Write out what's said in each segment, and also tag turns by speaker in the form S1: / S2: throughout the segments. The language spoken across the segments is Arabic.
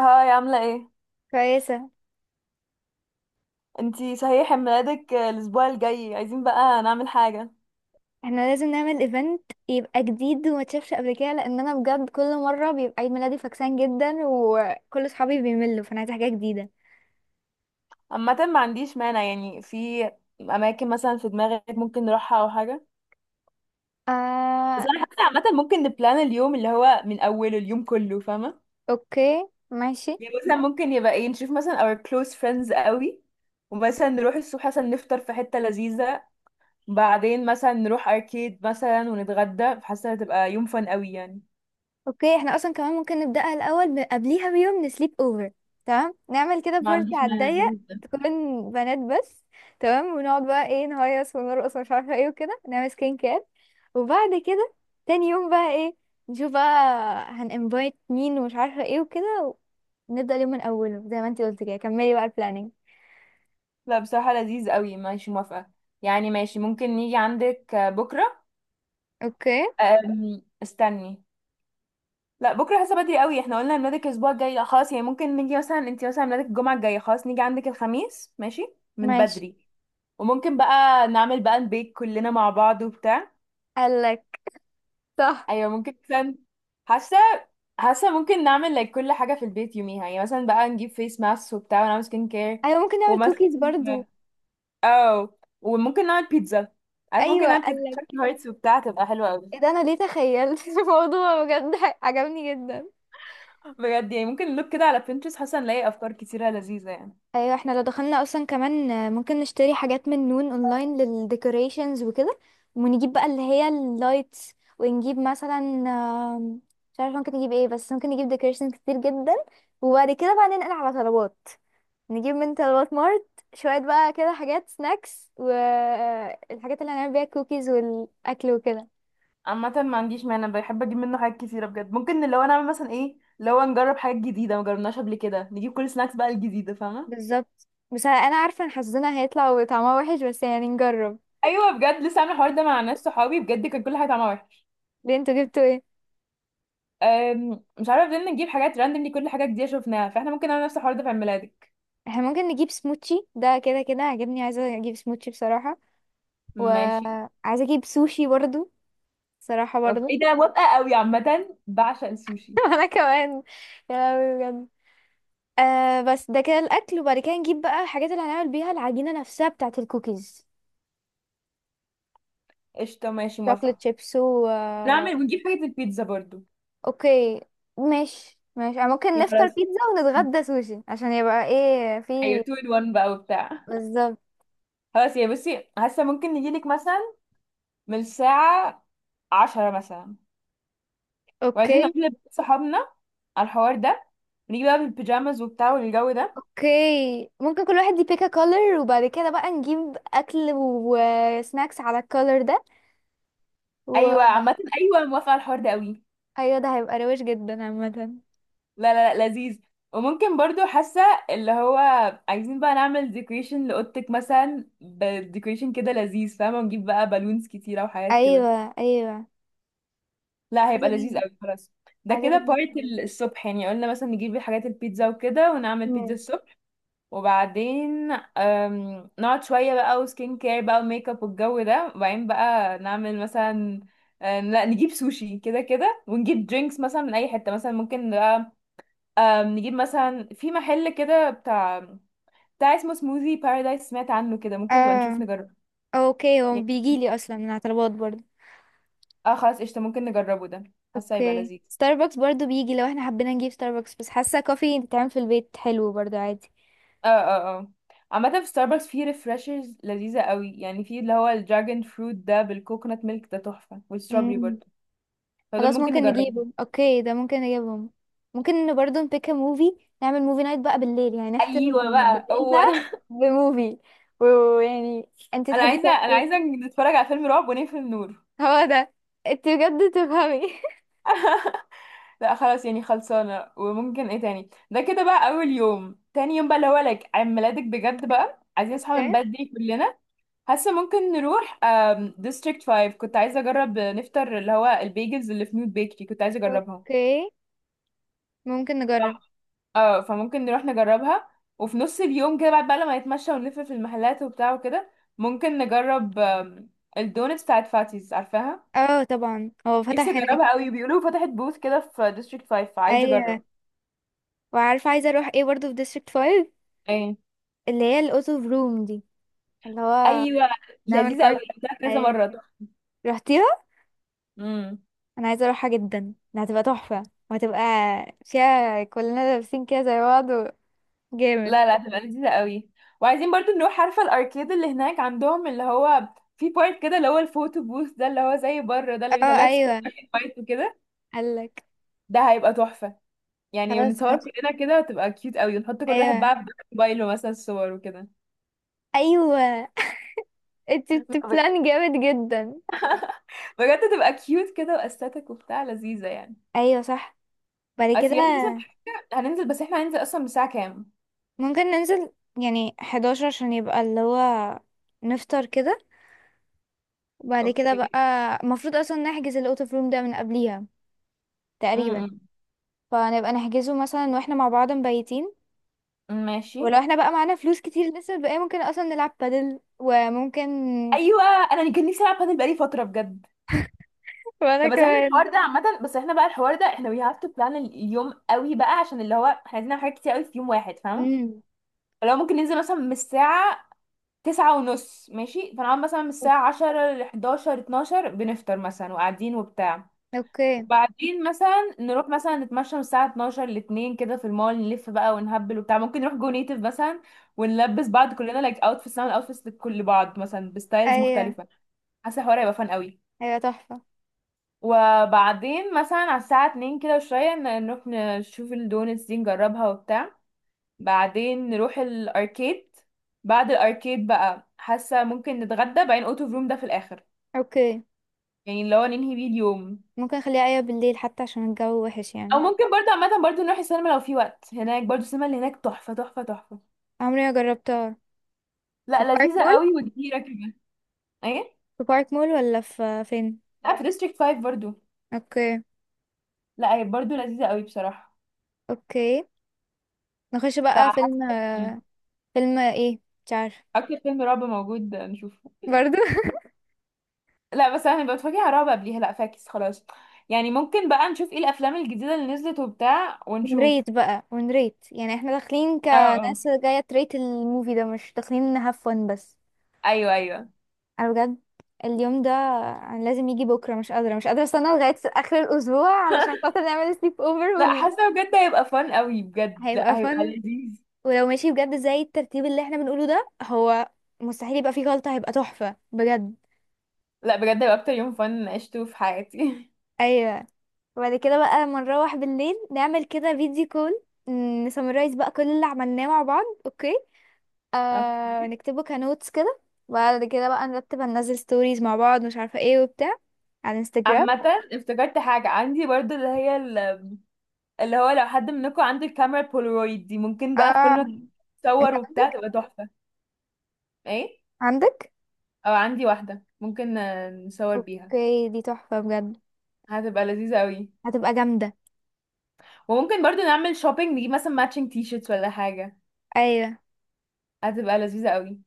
S1: هاي عاملة ايه؟
S2: كويسة.
S1: انتي صحيح عيد ميلادك الأسبوع الجاي، عايزين بقى نعمل حاجة.
S2: احنا لازم نعمل ايفنت يبقى جديد وما تشافش قبل كده، لان انا بجد كل مرة بيبقى عيد ميلادي فكسان جدا وكل صحابي بيملوا، فانا عايزة حاجة جديدة.
S1: عامة، ما عنديش مانع. يعني في أماكن مثلا في دماغك ممكن نروحها أو حاجة؟ بس
S2: آه.
S1: أنا حاسة عامة ممكن نبلان اليوم، اللي هو من أوله اليوم كله، فاهمة؟
S2: اوكي، ماشي.
S1: يعني مثلا ممكن يبقى ايه، نشوف مثلا our close friends قوي، ومثلا نروح الصبح مثلا نفطر في حتة لذيذة، بعدين مثلا نروح أركيد مثلا ونتغدى. حاسة هتبقى يوم فن قوي يعني.
S2: اوكي، احنا اصلا كمان ممكن نبدأها الاول قبليها بيوم نسليب اوفر. تمام، نعمل كده
S1: ما
S2: بارتي
S1: عنديش
S2: على
S1: مانع.
S2: الضيق. تكون بنات بس. تمام، ونقعد بقى ايه نهيص ونرقص ومش عارفة ايه وكده نعمل سكين كير. وبعد كده تاني يوم بقى ايه، نشوف بقى هنانفايت مين ومش عارفه ايه وكده. نبدأ اليوم من أوله زي ما انتي قلتي، كده كملي بقى البلاننج.
S1: لا بصراحة لذيذ قوي، ماشي موافقة. يعني ماشي، ممكن نيجي عندك بكرة.
S2: اوكي،
S1: استني، لا بكرة حاسة بدري قوي. احنا قلنا ميلادك الأسبوع الجاي، لا خلاص يعني ممكن نيجي مثلا، انتي مثلا ميلادك الجمعة الجاية، خلاص نيجي عندك الخميس، ماشي من
S2: ماشي.
S1: بدري. وممكن بقى نعمل بقى البيك كلنا مع بعض وبتاع.
S2: قالك صح.
S1: أيوة، ممكن مثلا. حاسة حاسة ممكن نعمل like كل حاجة في البيت يوميها. يعني مثلا بقى نجيب فيس ماسك وبتاع ونعمل سكين كير
S2: أيوة ممكن نعمل
S1: ومثلا،
S2: كوكيز برضو.
S1: اه، وممكن نعمل بيتزا. عارف، ممكن
S2: أيوة
S1: نعمل بيتزا
S2: قالك.
S1: شكل هايتس وبتاع، تبقى حلوة
S2: ايه
S1: قوي.
S2: ده، أنا ليه تخيلت الموضوع بجد؟ عجبني جدا.
S1: بجد يعني ممكن نلوك كده على بنترست، حاسه نلاقي افكار كتيره لذيذه يعني.
S2: أيوة، احنا لو دخلنا أصلا كمان ممكن نشتري حاجات من نون أونلاين للديكوريشنز وكده. ونجيب بقى اللي هي اللايتس، ونجيب مثلا مش عارفة ممكن نجيب ايه، بس ممكن نجيب ديكوريشنز كتير جدا. وبعد كده بقى ننقل على طلبات، نجيب من الوات مارت شوية بقى كده حاجات سناكس والحاجات اللي هنعمل بيها الكوكيز والأكل وكده.
S1: عامة ما عنديش مانع، بحب اجيب منه حاجات كتيرة بجد. ممكن اللي هو نعمل مثلا ايه، لو نجرب حاجات جديدة ما جربناش قبل كده، نجيب كل سناكس بقى الجديدة، فاهمة.
S2: بالظبط، بس أنا عارفة إن حظنا هيطلع وطعمها وحش، بس يعني نجرب.
S1: ايوه بجد، لسه عامله الحوار ده مع ناس صحابي، بجد كان كل حاجه طعمها وحش.
S2: ليه، انتوا جبتوا ايه؟
S1: مش عارفه، فضلنا نجيب حاجات راندملي، كل حاجه جديده شفناها. فاحنا ممكن نعمل نفس الحوار ده في عيد ميلادك.
S2: احنا ممكن نجيب سموتشي، ده كده كده عجبني، عايزة أجيب سموتشي بصراحة.
S1: ماشي.
S2: وعايزة أجيب سوشي برضو، بصراحة
S1: اوكي
S2: برضو
S1: إيه ده، موافقة قوي، عامة بعشق السوشي.
S2: وأنا كمان. يا لهوي بجد. آه بس ده كده الأكل، وبعد كده نجيب بقى الحاجات اللي هنعمل بيها العجينة نفسها بتاعة الكوكيز،
S1: قشطة ماشي موافقة.
S2: شوكليت شيبس و
S1: نعمل ونجيب حاجة البيتزا برضو.
S2: اوكي. ماشي ماشي، أنا ممكن
S1: يا
S2: نفطر
S1: خلاص.
S2: بيتزا ونتغدى سوشي عشان يبقى ايه
S1: ايوه
S2: في.
S1: 2 in 1 بقى وبتاع.
S2: بالظبط.
S1: خلاص يا بصي، حاسة ممكن نجيلك مثلا من الساعة 10 مثلا. وعايزين
S2: اوكي.
S1: نقول صحابنا على الحوار ده، نيجي بقى بالبيجامز وبتاع والجو ده.
S2: اوكي، ممكن كل واحد يبيك كولر وبعد كده بقى نجيب اكل وسناكس على الكولر ده.
S1: ايوه
S2: وايوه،
S1: عامة، ايوه موافقة على الحوار ده قوي.
S2: ده هيبقى روش جدا عامة.
S1: لا، لا، لا، لذيذ. وممكن برضو حاسة اللي هو عايزين بقى نعمل ديكوريشن لأوضتك مثلا، بديكوريشن كده لذيذ فاهمة، ونجيب بقى بالونز كتيرة وحاجات كده.
S2: ايوه ايوه.
S1: لا
S2: عايزه
S1: هيبقى لذيذ
S2: اجيب
S1: قوي خلاص. ده
S2: عايزه
S1: كده
S2: اجيب ناس
S1: بارت.
S2: برضه.
S1: الصبح، يعني قلنا مثلا نجيب الحاجات البيتزا وكده ونعمل بيتزا
S2: مم.
S1: الصبح. وبعدين نقعد شوية بقى، وسكين كير بقى وميك اب والجو ده، وبعدين بقى نعمل مثلا لا، نجيب سوشي كده كده، ونجيب درينكس مثلا من اي حتة. مثلا ممكن بقى نجيب مثلا في محل كده بتاع اسمه سموذي بارادايس، سمعت عنه كده، ممكن نبقى نشوف
S2: اه.
S1: نجربه.
S2: اوكي، هو
S1: يعني
S2: بيجيلي اصلا من على طلبات برضه.
S1: اه خلاص قشطة، ممكن نجربه ده. حاسة هيبقى
S2: اوكي،
S1: لذيذ.
S2: ستاربكس برضو بيجي لو احنا حبينا نجيب ستاربكس، بس حاسه كوفي بتتعمل في البيت حلو برضو عادي.
S1: اه عامة في ستاربكس في ريفرشرز لذيذة قوي، يعني في اللي هو الدراجون فروت ده بالكوكونات ميلك ده تحفة، والستrawberry
S2: مم.
S1: برضه. فدول
S2: خلاص،
S1: ممكن
S2: ممكن
S1: نجربهم.
S2: نجيبه. اوكي، ده ممكن نجيبهم. ممكن برضو نبيك موفي، نعمل موفي نايت بقى بالليل، يعني نختم
S1: ايوه بقى
S2: بالليل
S1: هو
S2: بقى
S1: ده.
S2: بموفي. ويعني انت
S1: انا
S2: تحبي
S1: عايزة انا
S2: تاكل.
S1: عايزة نتفرج على فيلم رعب ونقفل النور.
S2: هو ده. انت بجد تفهمي
S1: لا خلاص يعني خلصانة. وممكن ايه تاني، ده كده بقى اول يوم. تاني يوم بقى اللي هو لك عيد ميلادك، بجد بقى عايزين نصحى
S2: اوكي.
S1: من بدري كلنا. حاسة ممكن نروح ديستريكت 5، كنت عايزة اجرب نفطر اللي هو البيجلز اللي في نوت بيكري، كنت عايزة اجربها.
S2: اوكي، ممكن نجرب.
S1: اه فممكن نروح نجربها. وفي نص اليوم كده، بعد بقى لما نتمشى ونلف في المحلات وبتاع وكده، ممكن نجرب الدونتس بتاعت فاتيز، عارفاها.
S2: اه طبعا، هو
S1: نفسي
S2: فتح هناك.
S1: اجربها قوي، بيقولوا فتحت بوث كده في ديستريكت 5، فعايزه اجرب.
S2: ايوه، وعارفه عايزه اروح ايه برضو في ديستريكت 5؟
S1: ايه،
S2: اللي هي الاوتو روم دي، اللي هو
S1: ايوه
S2: نعمل
S1: لذيذه قوي،
S2: كارت.
S1: اكلتها كذا
S2: ايوه.
S1: مره.
S2: رحتيها؟
S1: امم.
S2: انا عايزه اروحها جدا، ده هتبقى تحفه. وهتبقى فيها كلنا لابسين كده زي بعض جامد.
S1: لا، لا، هتبقى لذيذه قوي. وعايزين برضو نروح، عارفه الاركيد اللي هناك عندهم اللي هو في بارت كده اللي هو الفوتو بوث ده، اللي هو زي بره ده اللي
S2: اه
S1: بيطلعك صور
S2: ايوه.
S1: فايت وكده.
S2: قالك.
S1: ده هيبقى تحفه. يعني
S2: خلاص
S1: ونتصور
S2: ماشي.
S1: كلنا كده، تبقى كيوت قوي، ونحط كل واحد
S2: ايوه
S1: بقى في موبايله مثلا صور وكده.
S2: ايوه. انت بلان جامد جدا.
S1: بجد تبقى كيوت كده واستاتيك وبتاع، لذيذة يعني.
S2: ايوه صح. بعد كده
S1: اصل احنا مثلا في حاجة هننزل. بس احنا هننزل اصلا الساعة كام؟
S2: ممكن ننزل يعني 11 عشان يبقى اللي هو نفطر كده. وبعد كده بقى
S1: اوكي.
S2: المفروض اصلا نحجز الاوتو روم ده من قبليها تقريبا.
S1: امم.
S2: فنبقى نحجزه مثلا واحنا مع بعض مبيتين.
S1: ماشي.
S2: ولو احنا بقى معانا فلوس كتير لسه بقى، ممكن اصلا نلعب بادل وممكن
S1: ايوه انا كان نفسي العب بادل بقالي فترة بجد.
S2: وانا
S1: طب بس احنا
S2: كمان.
S1: الحوار ده عامة، بس احنا بقى الحوار ده احنا وي هاف تو بلان اليوم قوي بقى، عشان اللي هو احنا عايزين نعمل حاجات كتير قوي في يوم واحد، فاهمة.
S2: امم.
S1: لو ممكن ننزل مثلا من الساعة 9:30، ماشي، فنقعد مثلا من الساعة 10 لحداشر اتناشر بنفطر مثلا وقاعدين وبتاع.
S2: اوكي.
S1: وبعدين مثلا نروح مثلا نتمشى من الساعة اتناشر لاتنين كده في المول، نلف بقى ونهبل وبتاع، ممكن نروح جو نيتف مثلا. ونلبس بعض كلنا لايك اوتفيتس، نعمل اوتفيتس لكل بعض مثلا بستايلز
S2: ايوه،
S1: مختلفة. حاسة الحوار هيبقى فان قوي.
S2: ايوه تحفة.
S1: وبعدين مثلا على الساعة اتنين كده وشوية، نروح نشوف الدونتس دي نجربها وبتاع. بعدين نروح الاركيد. بعد الاركيد بقى، حاسه ممكن نتغدى، بعدين اوت اوف روم ده في الاخر.
S2: اوكي،
S1: يعني اللي هو ننهي بيه اليوم.
S2: ممكن اخليها ايوه بالليل حتى عشان الجو وحش
S1: او
S2: يعني.
S1: ممكن برضه، عامه برضه نروح السينما لو في وقت، هناك برضه السينما اللي هناك تحفه، تحفه، تحفه.
S2: عمري ما جربتها. في
S1: لا
S2: بارك
S1: لذيذه
S2: مول.
S1: قوي وكبيره كمان. ايه؟
S2: في بارك مول ولا في فين؟
S1: لا في ديستريكت 5 برضه.
S2: اوكي.
S1: لا هي برضه لذيذه قوي بصراحه.
S2: اوكي، نخش بقى فيلم
S1: فحاسه مم.
S2: فيلم ايه؟ مش عارفه.
S1: اكتر فيلم رعب موجود نشوفه.
S2: برضو
S1: لا بس انا ببقى بتفرج على رعب قبليها، لا فاكس خلاص. يعني ممكن بقى نشوف ايه الافلام الجديده اللي نزلت وبتاع ونشوف.
S2: نريت بقى ونريت، يعني احنا داخلين
S1: اه آه.
S2: كناس جاية تريت الموفي ده، مش داخلين نهاف فن بس.
S1: ايوه، ايوه.
S2: انا بجد اليوم ده، انا لازم يجي بكره، مش قادره مش قادره استنى لغايه اخر الاسبوع علشان خاطر نعمل سليب اوفر
S1: لا حاسه بجد هيبقى فن قوي بجد،
S2: هيبقى
S1: لا هيبقى
S2: فن.
S1: لذيذ.
S2: ولو ماشي بجد زي الترتيب اللي احنا بنقوله ده، هو مستحيل يبقى فيه غلطه، هيبقى تحفه بجد.
S1: لا بجد هيبقى اكتر يوم فن عشته في حياتي.
S2: ايوه. وبعد كده بقى لما نروح بالليل نعمل كده فيديو كول، نسمرايز بقى كل اللي عملناه مع بعض. اوكي.
S1: اوكي.
S2: نكتبه كنوتس كده. وبعد كده بقى نرتب هننزل ستوريز مع بعض، مش عارفه ايه وبتاع، على انستجرام.
S1: عامة افتكرت حاجة عندي برضو اللي هي اللي هو لو حد منكم عنده الكاميرا البولارويد دي، ممكن بقى في
S2: اه.
S1: كل مكان
S2: انت
S1: تصور وبتاع،
S2: عندك؟
S1: تبقى تحفة. ايه؟
S2: عندك؟
S1: او عندي واحدة، ممكن نصور بيها.
S2: اوكي، دي تحفة بجد.
S1: هتبقى لذيذة قوي.
S2: هتبقى جامدة.
S1: وممكن برضو نعمل شوبينج، نجيب مثلا ماتشنج تي شيرتس ولا حاجة،
S2: ايوه.
S1: هتبقى لذيذة قوي.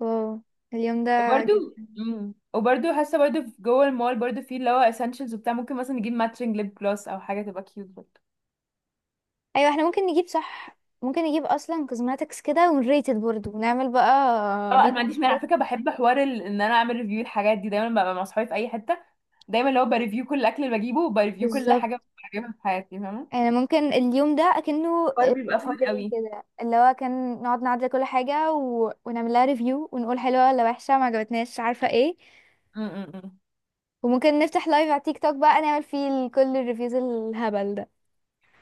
S2: واو، اليوم ده
S1: وبرده
S2: جامد.
S1: وبرده حاسه برده في جوه المول برده، في اللي هو اسينشلز وبتاع، ممكن مثلا نجيب ماتشنج ليب جلوس او حاجه، تبقى كيوت برده.
S2: ايوه، احنا ممكن نجيب، صح ممكن نجيب اصلا كوزماتكس كده ونريتد برضه، ونعمل بقى
S1: اه، انا ما
S2: فيديو تيك
S1: عنديش مانع على
S2: توك.
S1: فكره. بحب حوار ان انا اعمل ريفيو الحاجات دي، دايما ببقى مع اصحابي في اي حته دايما اللي هو بريفيو كل الاكل اللي بجيبه، وبريفيو كل
S2: بالظبط.
S1: حاجه بجيبها في حياتي، فاهمه.
S2: يعني ممكن اليوم ده اكنه
S1: حوار بيبقى
S2: ريفيو
S1: فun
S2: داي،
S1: قوي.
S2: كده اللي هو كان نقعد نعدل كل حاجة ونعمل لها ريفيو ونقول حلوة ولا وحشة ما عجبتناش عارفة ايه.
S1: امم.
S2: وممكن نفتح لايف على تيك توك بقى، نعمل فيه كل الريفيوز الهبل ده.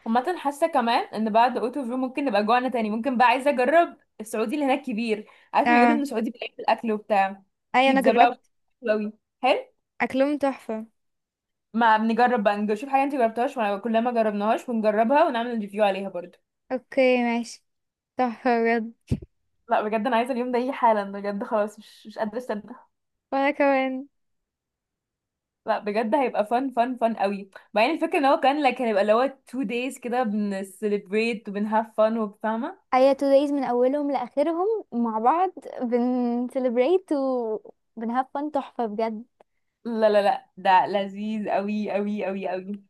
S1: عامة حاسة كمان ان بعد اوتو فيو ممكن نبقى جوعنا تاني. ممكن بقى عايزة اجرب السعودي اللي هناك كبير، عارفة بيقولوا
S2: اه
S1: ان السعودي بيلاقي في الاكل وبتاع.
S2: ايوه. انا
S1: بيتزا بقى،
S2: جربت.
S1: حلو قوي، حلو.
S2: اكلهم تحفة.
S1: ما بنجرب بقى، نشوف حاجه انت جربتهاش وانا كلنا ما جربناهاش ونجربها ونعمل ريفيو عليها برضو.
S2: اوكي ماشي. تحفة بجد.
S1: لا بجد، انا عايزه اليوم ده يجي حالا، بجد خلاص مش قادره استنى.
S2: وأنا كمان.
S1: لا بجد هيبقى فن، فن، فن قوي. بعدين الفكره ان هو كان لك، هيبقى اللي هو تو دايز كده بنسليبريت وبنهاف فن وبفاهمه.
S2: هي تو دايز من اولهم لاخرهم مع بعض، بن celebrate و بن have fun، تحفه بجد.
S1: لا، لا، لا، ده لذيذ قوي، قوي، قوي، قوي.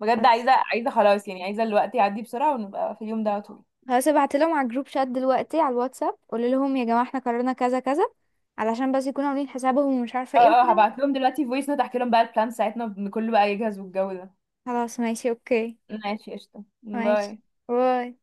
S1: بجد
S2: خلاص.
S1: عايزه خلاص، يعني عايزه الوقت يعدي بسرعه ونبقى في اليوم ده على طول.
S2: خلاص، ابعت لهم على الجروب شات دلوقتي على الواتساب، قول لهم يا جماعة احنا قررنا كذا كذا، علشان بس يكونوا عاملين حسابهم ومش عارفة
S1: اه،
S2: ايه
S1: اه،
S2: وكده.
S1: هبعت لهم دلوقتي فويس نوت، احكي لهم بقى البلان بتاعتنا كله بقى يجهز والجو ده.
S2: خلاص ماشي. اوكي
S1: ماشي قشطه،
S2: ماشي.
S1: باي.
S2: باي.